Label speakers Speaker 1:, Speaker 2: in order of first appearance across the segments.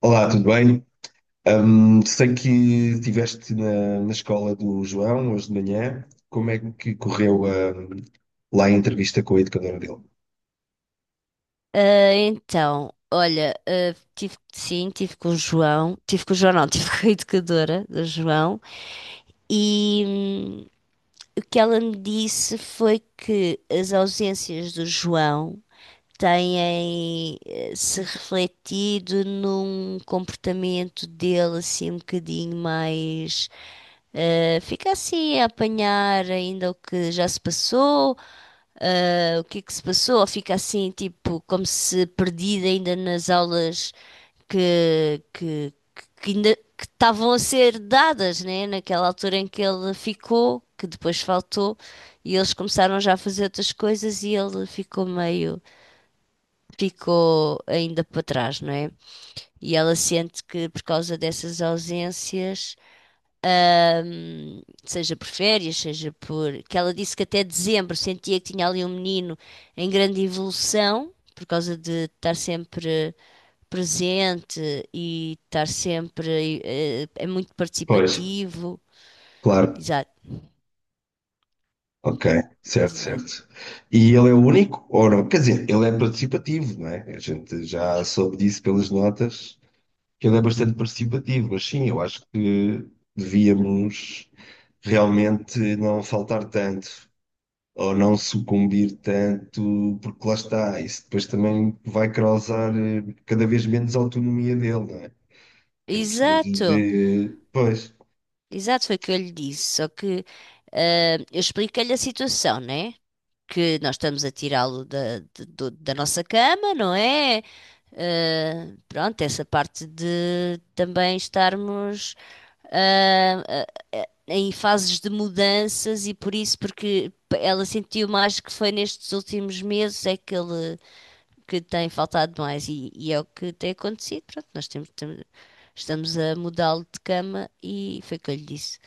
Speaker 1: Olá, tudo bem? Sei que estiveste na escola do João hoje de manhã. Como é que correu, lá a entrevista com a educadora dele?
Speaker 2: Então, olha, tive, sim, tive com o João, não, tive com a educadora do João, e o que ela me disse foi que as ausências do João têm se refletido num comportamento dele assim um bocadinho mais. Fica assim a apanhar ainda o que já se passou, o que é que se passou? Ou fica assim, tipo, como se perdida ainda nas aulas que, que, que ainda que estavam a ser dadas, né? Naquela altura em que ele ficou, que depois faltou, e eles começaram já a fazer outras coisas e ele ficou meio, ficou ainda para trás, não é? E ela sente que por causa dessas ausências seja por férias, seja por. Que ela disse que até dezembro sentia que tinha ali um menino em grande evolução, por causa de estar sempre presente e estar sempre. É muito
Speaker 1: Pois.
Speaker 2: participativo.
Speaker 1: Claro.
Speaker 2: Exato,
Speaker 1: Ok, certo,
Speaker 2: exato.
Speaker 1: certo. E ele é o único? Ou não? Quer dizer, ele é participativo, não é? A gente já soube disso pelas notas, que ele é bastante participativo, mas sim, eu acho que devíamos realmente não faltar tanto. Ou não sucumbir tanto, porque lá está, isso depois também vai causar cada vez menos autonomia dele, não é? Ele precisa
Speaker 2: Exato,
Speaker 1: de. Pois,
Speaker 2: exato, foi o que eu lhe disse. Só que eu expliquei-lhe a situação, né? Que nós estamos a tirá-lo da nossa cama, não é? Eh, pronto, essa parte de também estarmos ah, ah, em fases de mudanças e por isso, porque ela sentiu mais que foi nestes últimos meses é que ele que tem faltado mais e é o que tem acontecido. Pronto, estamos a mudá-lo de cama e foi o que eu lhe disse.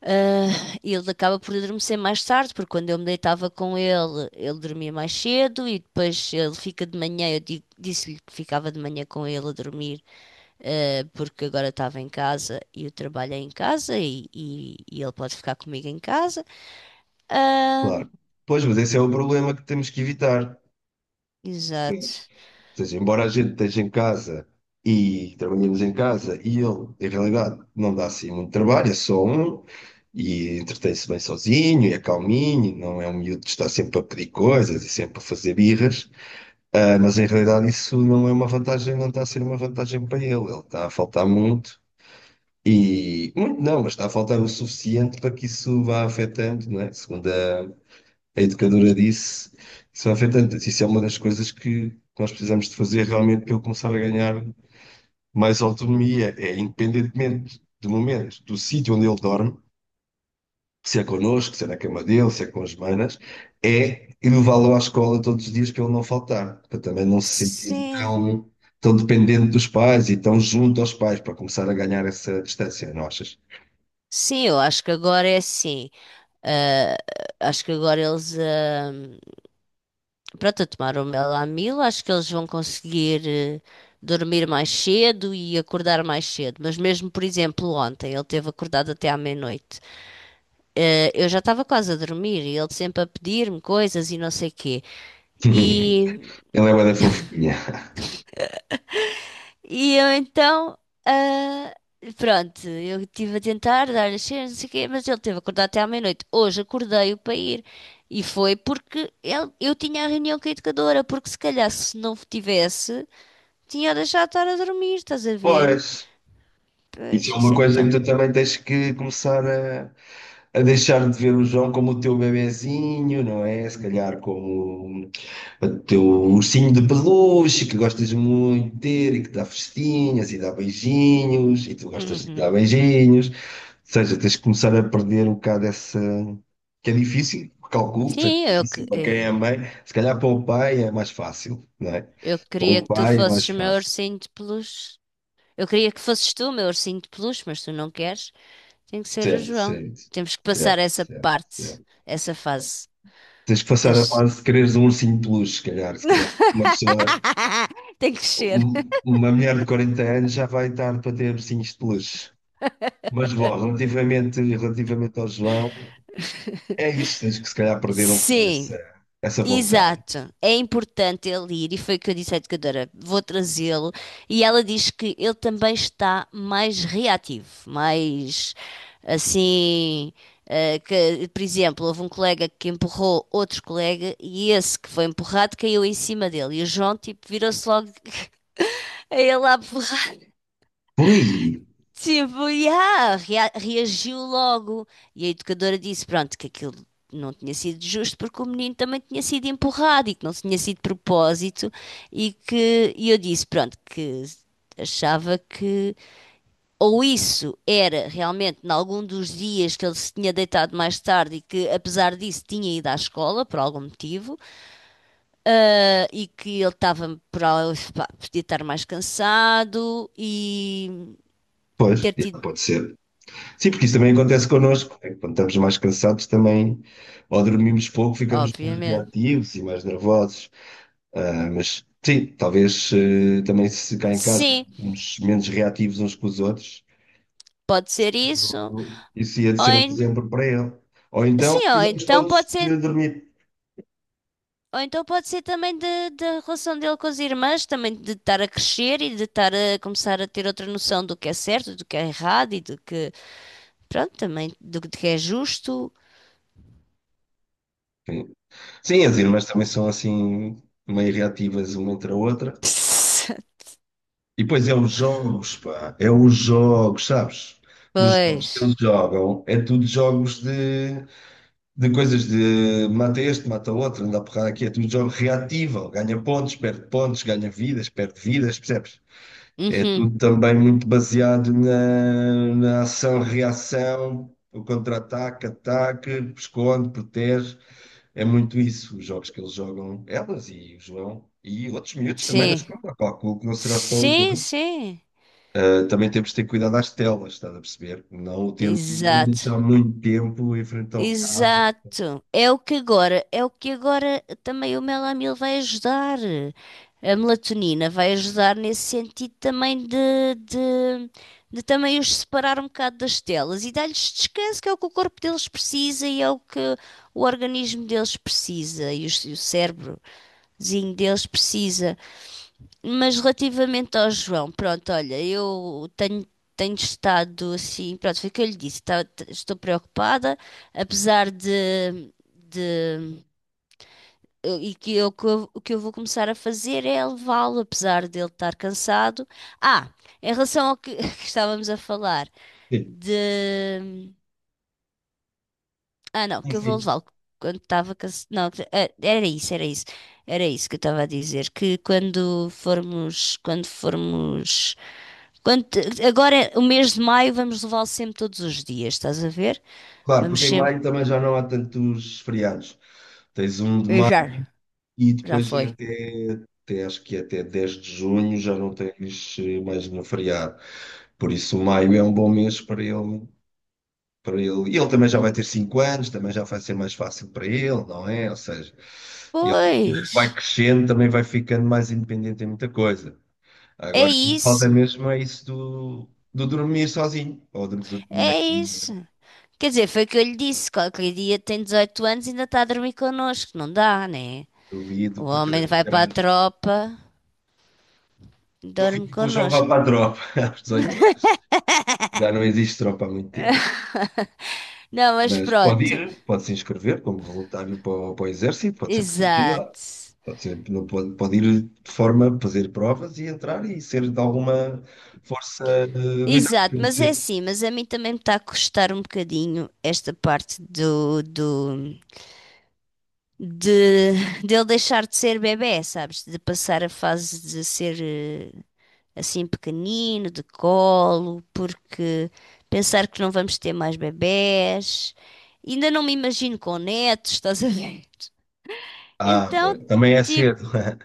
Speaker 2: Ah, e ele acaba por adormecer mais tarde, porque quando eu me deitava com ele, ele dormia mais cedo e depois ele fica de manhã. Disse-lhe que ficava de manhã com ele a dormir, porque agora estava em casa e o trabalho é em casa e ele pode ficar comigo em casa. Ah,
Speaker 1: claro. Pois, mas esse é o problema que temos que evitar. Pois.
Speaker 2: exato.
Speaker 1: Ou seja, embora a gente esteja em casa e trabalhemos em casa e ele, em realidade, não dá assim muito trabalho, é só um. E entretém-se bem sozinho, e é calminho, e não é um miúdo que está sempre a pedir coisas e sempre a fazer birras. Ah, mas em realidade isso não é uma vantagem, não está a ser uma vantagem para ele. Ele está a faltar muito e muito não, mas está a faltar o suficiente para que isso vá afetando, não é? Segundo a educadora disse, isso vai afetando. Isso é uma das coisas que nós precisamos de fazer realmente para ele começar a ganhar mais autonomia, é independentemente do momento, do sítio onde ele dorme, se é connosco, se é na cama dele, se é com as manas, é levá-lo à escola todos os dias para ele não faltar, para também não se sentir
Speaker 2: Sim,
Speaker 1: tão, tão dependente dos pais e tão junto aos pais, para começar a ganhar essa distância, não achas?
Speaker 2: sim, eu acho que agora é assim. Ah, Acho que agora eles. Pronto, a tomar o Melamil, acho que eles vão conseguir dormir mais cedo e acordar mais cedo. Mas mesmo, por exemplo, ontem, ele teve acordado até à meia-noite. Eu já estava quase a dormir e ele sempre a pedir-me coisas e não sei quê.
Speaker 1: Ele
Speaker 2: E,
Speaker 1: é uma da fofinha.
Speaker 2: e eu então, ah, pronto, eu estive a tentar dar-lhe as cenas, não sei o quê, mas ele teve acordado até à meia-noite. Hoje acordei-o para ir. E foi porque eu tinha a reunião com a educadora, porque se calhar se não tivesse, tinha deixado de estar a dormir, estás a ver?
Speaker 1: Pois.
Speaker 2: Pois,
Speaker 1: Isso é
Speaker 2: isso
Speaker 1: uma
Speaker 2: é que
Speaker 1: coisa
Speaker 2: está.
Speaker 1: que tu também tens que começar a, deixar de ver o João como o teu bebezinho, não é? Se calhar como um o teu ursinho de peluche que gostas muito de ter e que dá festinhas e dá beijinhos e tu gostas de dar
Speaker 2: Uhum.
Speaker 1: beijinhos. Ou seja, tens de começar a perder um bocado essa. Que é difícil, calculo que seja
Speaker 2: Sim,
Speaker 1: difícil para quem é mãe. Se calhar para o pai é mais fácil, não é?
Speaker 2: eu
Speaker 1: Para
Speaker 2: queria
Speaker 1: um
Speaker 2: que tu
Speaker 1: pai é mais
Speaker 2: fosses o meu
Speaker 1: fácil.
Speaker 2: ursinho de peluche. Eu queria que fosses tu o meu ursinho de peluche, mas tu não queres. Tem que ser o
Speaker 1: Certo,
Speaker 2: João.
Speaker 1: certo,
Speaker 2: Temos que passar
Speaker 1: certo,
Speaker 2: essa
Speaker 1: certo.
Speaker 2: parte,
Speaker 1: Certo.
Speaker 2: essa fase.
Speaker 1: Tens que passar a
Speaker 2: das-
Speaker 1: fase de quereres um ursinho de peluche, se calhar, se calhar. Uma pessoa,
Speaker 2: Tem que ser.
Speaker 1: uma mulher de 40 anos já vai tarde para ter ursinhos de peluche. Mas bom, relativamente ao João, é isso, tens que se calhar perder um bocado
Speaker 2: Sim.
Speaker 1: essa vontade.
Speaker 2: Exato, é importante ele ir, e foi o que eu disse à educadora: vou trazê-lo. E ela diz que ele também está mais reativo, mais assim. Que, por exemplo, houve um colega que empurrou outro colega e esse que foi empurrado caiu em cima dele. E o João, tipo, virou-se logo a ele a empurrar.
Speaker 1: Por aí,
Speaker 2: Tipo, yeah, reagiu logo. E a educadora disse, pronto, que aquilo não tinha sido justo porque o menino também tinha sido empurrado e que não tinha sido de propósito e que e eu disse, pronto, que achava que ou isso era realmente em algum dos dias que ele se tinha deitado mais tarde e que apesar disso tinha ido à escola por algum motivo, e que ele estava por pá, podia estar mais cansado e
Speaker 1: pois,
Speaker 2: ter
Speaker 1: é,
Speaker 2: tido,
Speaker 1: pode ser. Sim, porque isso também acontece connosco, né? Quando estamos mais cansados também, ou dormimos pouco, ficamos mais
Speaker 2: obviamente.
Speaker 1: reativos e mais nervosos. Ah, mas sim, talvez também se cá em casa
Speaker 2: Sim,
Speaker 1: ficamos menos reativos uns com os outros,
Speaker 2: pode ser isso.
Speaker 1: isso ia de
Speaker 2: Ou
Speaker 1: ser um
Speaker 2: en-
Speaker 1: exemplo para ele. Ou então,
Speaker 2: Sim,
Speaker 1: fizemos todos de dormir.
Speaker 2: ou então pode ser também da relação dele com as irmãs, também de estar a crescer e de estar a começar a ter outra noção do que é certo, do que é errado e do que, pronto, também do que é justo.
Speaker 1: Sim, as irmãs também são assim meio reativas uma entre a outra. E depois é os jogos, pá, é os jogos, sabes? Os
Speaker 2: Pois.
Speaker 1: jogos que eles jogam é tudo jogos de coisas de mata este, mata outro, anda a porrada aqui, é tudo jogo reativo, ganha pontos, perde pontos, ganha vidas, perde vidas, percebes? É
Speaker 2: Uhum.
Speaker 1: tudo também muito baseado na ação-reação, o contra-ataque, ataque, esconde, protege. É muito isso, os jogos que eles jogam, elas e o João, e outros miúdos também na
Speaker 2: Sim.
Speaker 1: escola. Calculo que não será só o
Speaker 2: Sim,
Speaker 1: João.
Speaker 2: sim.
Speaker 1: Ah, também temos de ter cuidado às telas, estás a perceber? Não, ter, não
Speaker 2: Exato.
Speaker 1: deixar muito tempo em frente ao cabo.
Speaker 2: Exato. É o que agora, é o que agora também o melamil vai ajudar. A melatonina vai ajudar nesse sentido também de também os separar um bocado das telas e dar-lhes descanso, que é o que o corpo deles precisa e é o que o organismo deles precisa e o cérebrozinho deles precisa. Mas relativamente ao João, pronto, olha, tenho estado assim, pronto, foi o que eu lhe disse, estou preocupada, apesar de o que eu vou começar a fazer é levá-lo, apesar dele estar cansado. Ah, Em relação ao que, que estávamos a falar,
Speaker 1: Sim,
Speaker 2: de. Ah, não,
Speaker 1: sim.
Speaker 2: que eu vou
Speaker 1: Sim.
Speaker 2: levá-lo quando estava cansado. Não, era isso, era isso que eu estava a dizer, quando formos. Quando, agora, é o mês de maio, vamos levá-lo sempre todos os dias, estás a ver?
Speaker 1: Claro,
Speaker 2: Vamos
Speaker 1: porque em
Speaker 2: sempre.
Speaker 1: maio também já não há tantos feriados. Tens um de
Speaker 2: E já,
Speaker 1: maio e
Speaker 2: já
Speaker 1: depois é
Speaker 2: foi.
Speaker 1: até, acho que é até 10 de junho já não tens mais nenhum feriado. Por isso, maio é um bom mês para ele. Para ele. E ele também já vai ter 5 anos, também já vai ser mais fácil para ele, não é? Ou seja, ele ele
Speaker 2: Pois,
Speaker 1: vai crescendo, também vai ficando mais independente em muita coisa.
Speaker 2: é
Speaker 1: Agora, o que falta
Speaker 2: isso,
Speaker 1: mesmo é isso do, do, dormir sozinho, ou do dormir na
Speaker 2: é
Speaker 1: caminha.
Speaker 2: isso. Quer dizer, foi o que eu lhe disse: qualquer dia tem 18 anos e ainda está a dormir connosco, não dá, né? O
Speaker 1: Duvido, porque ele é
Speaker 2: homem
Speaker 1: muito
Speaker 2: vai para a
Speaker 1: grande.
Speaker 2: tropa, dorme
Speaker 1: Duvido que o João vá
Speaker 2: connosco.
Speaker 1: para a tropa aos 18 anos. Já não existe tropa há muito tempo.
Speaker 2: Não, mas
Speaker 1: Mas pode
Speaker 2: pronto,
Speaker 1: ir, pode se inscrever como voluntário para, para o exército, pode ser.
Speaker 2: exato.
Speaker 1: Pode ser, não pode, pode ir de forma a fazer provas e entrar e ser de alguma força militar.
Speaker 2: Exato,
Speaker 1: Quer
Speaker 2: mas é
Speaker 1: dizer.
Speaker 2: assim, mas a mim também me está a custar um bocadinho esta parte de, de ele deixar de ser bebé, sabes? De passar a fase de ser assim pequenino, de colo, porque pensar que não vamos ter mais bebés. Ainda não me imagino com netos, estás a ver?
Speaker 1: Ah,
Speaker 2: Então,
Speaker 1: pois, também é
Speaker 2: tipo,
Speaker 1: cedo.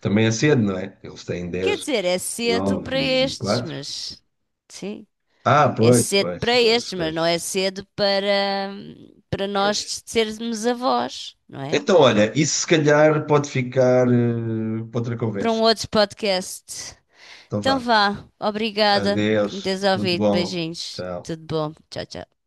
Speaker 1: Também é cedo, não é? Eles têm
Speaker 2: quer
Speaker 1: dez
Speaker 2: dizer, é cedo
Speaker 1: nove
Speaker 2: para
Speaker 1: e
Speaker 2: estes,
Speaker 1: quatro
Speaker 2: mas sim,
Speaker 1: Ah,
Speaker 2: é
Speaker 1: pois,
Speaker 2: cedo
Speaker 1: pois,
Speaker 2: para
Speaker 1: pois,
Speaker 2: estes, mas não é
Speaker 1: pois,
Speaker 2: cedo para para
Speaker 1: pois.
Speaker 2: nós sermos avós, não é?
Speaker 1: Então, olha, isso se calhar pode ficar para outra
Speaker 2: Para
Speaker 1: conversa.
Speaker 2: um outro podcast.
Speaker 1: Então
Speaker 2: Então
Speaker 1: vá.
Speaker 2: vá, obrigada por me
Speaker 1: Adeus,
Speaker 2: teres
Speaker 1: tudo
Speaker 2: ouvido.
Speaker 1: bom.
Speaker 2: Beijinhos,
Speaker 1: Tchau.
Speaker 2: tudo bom, tchau, tchau.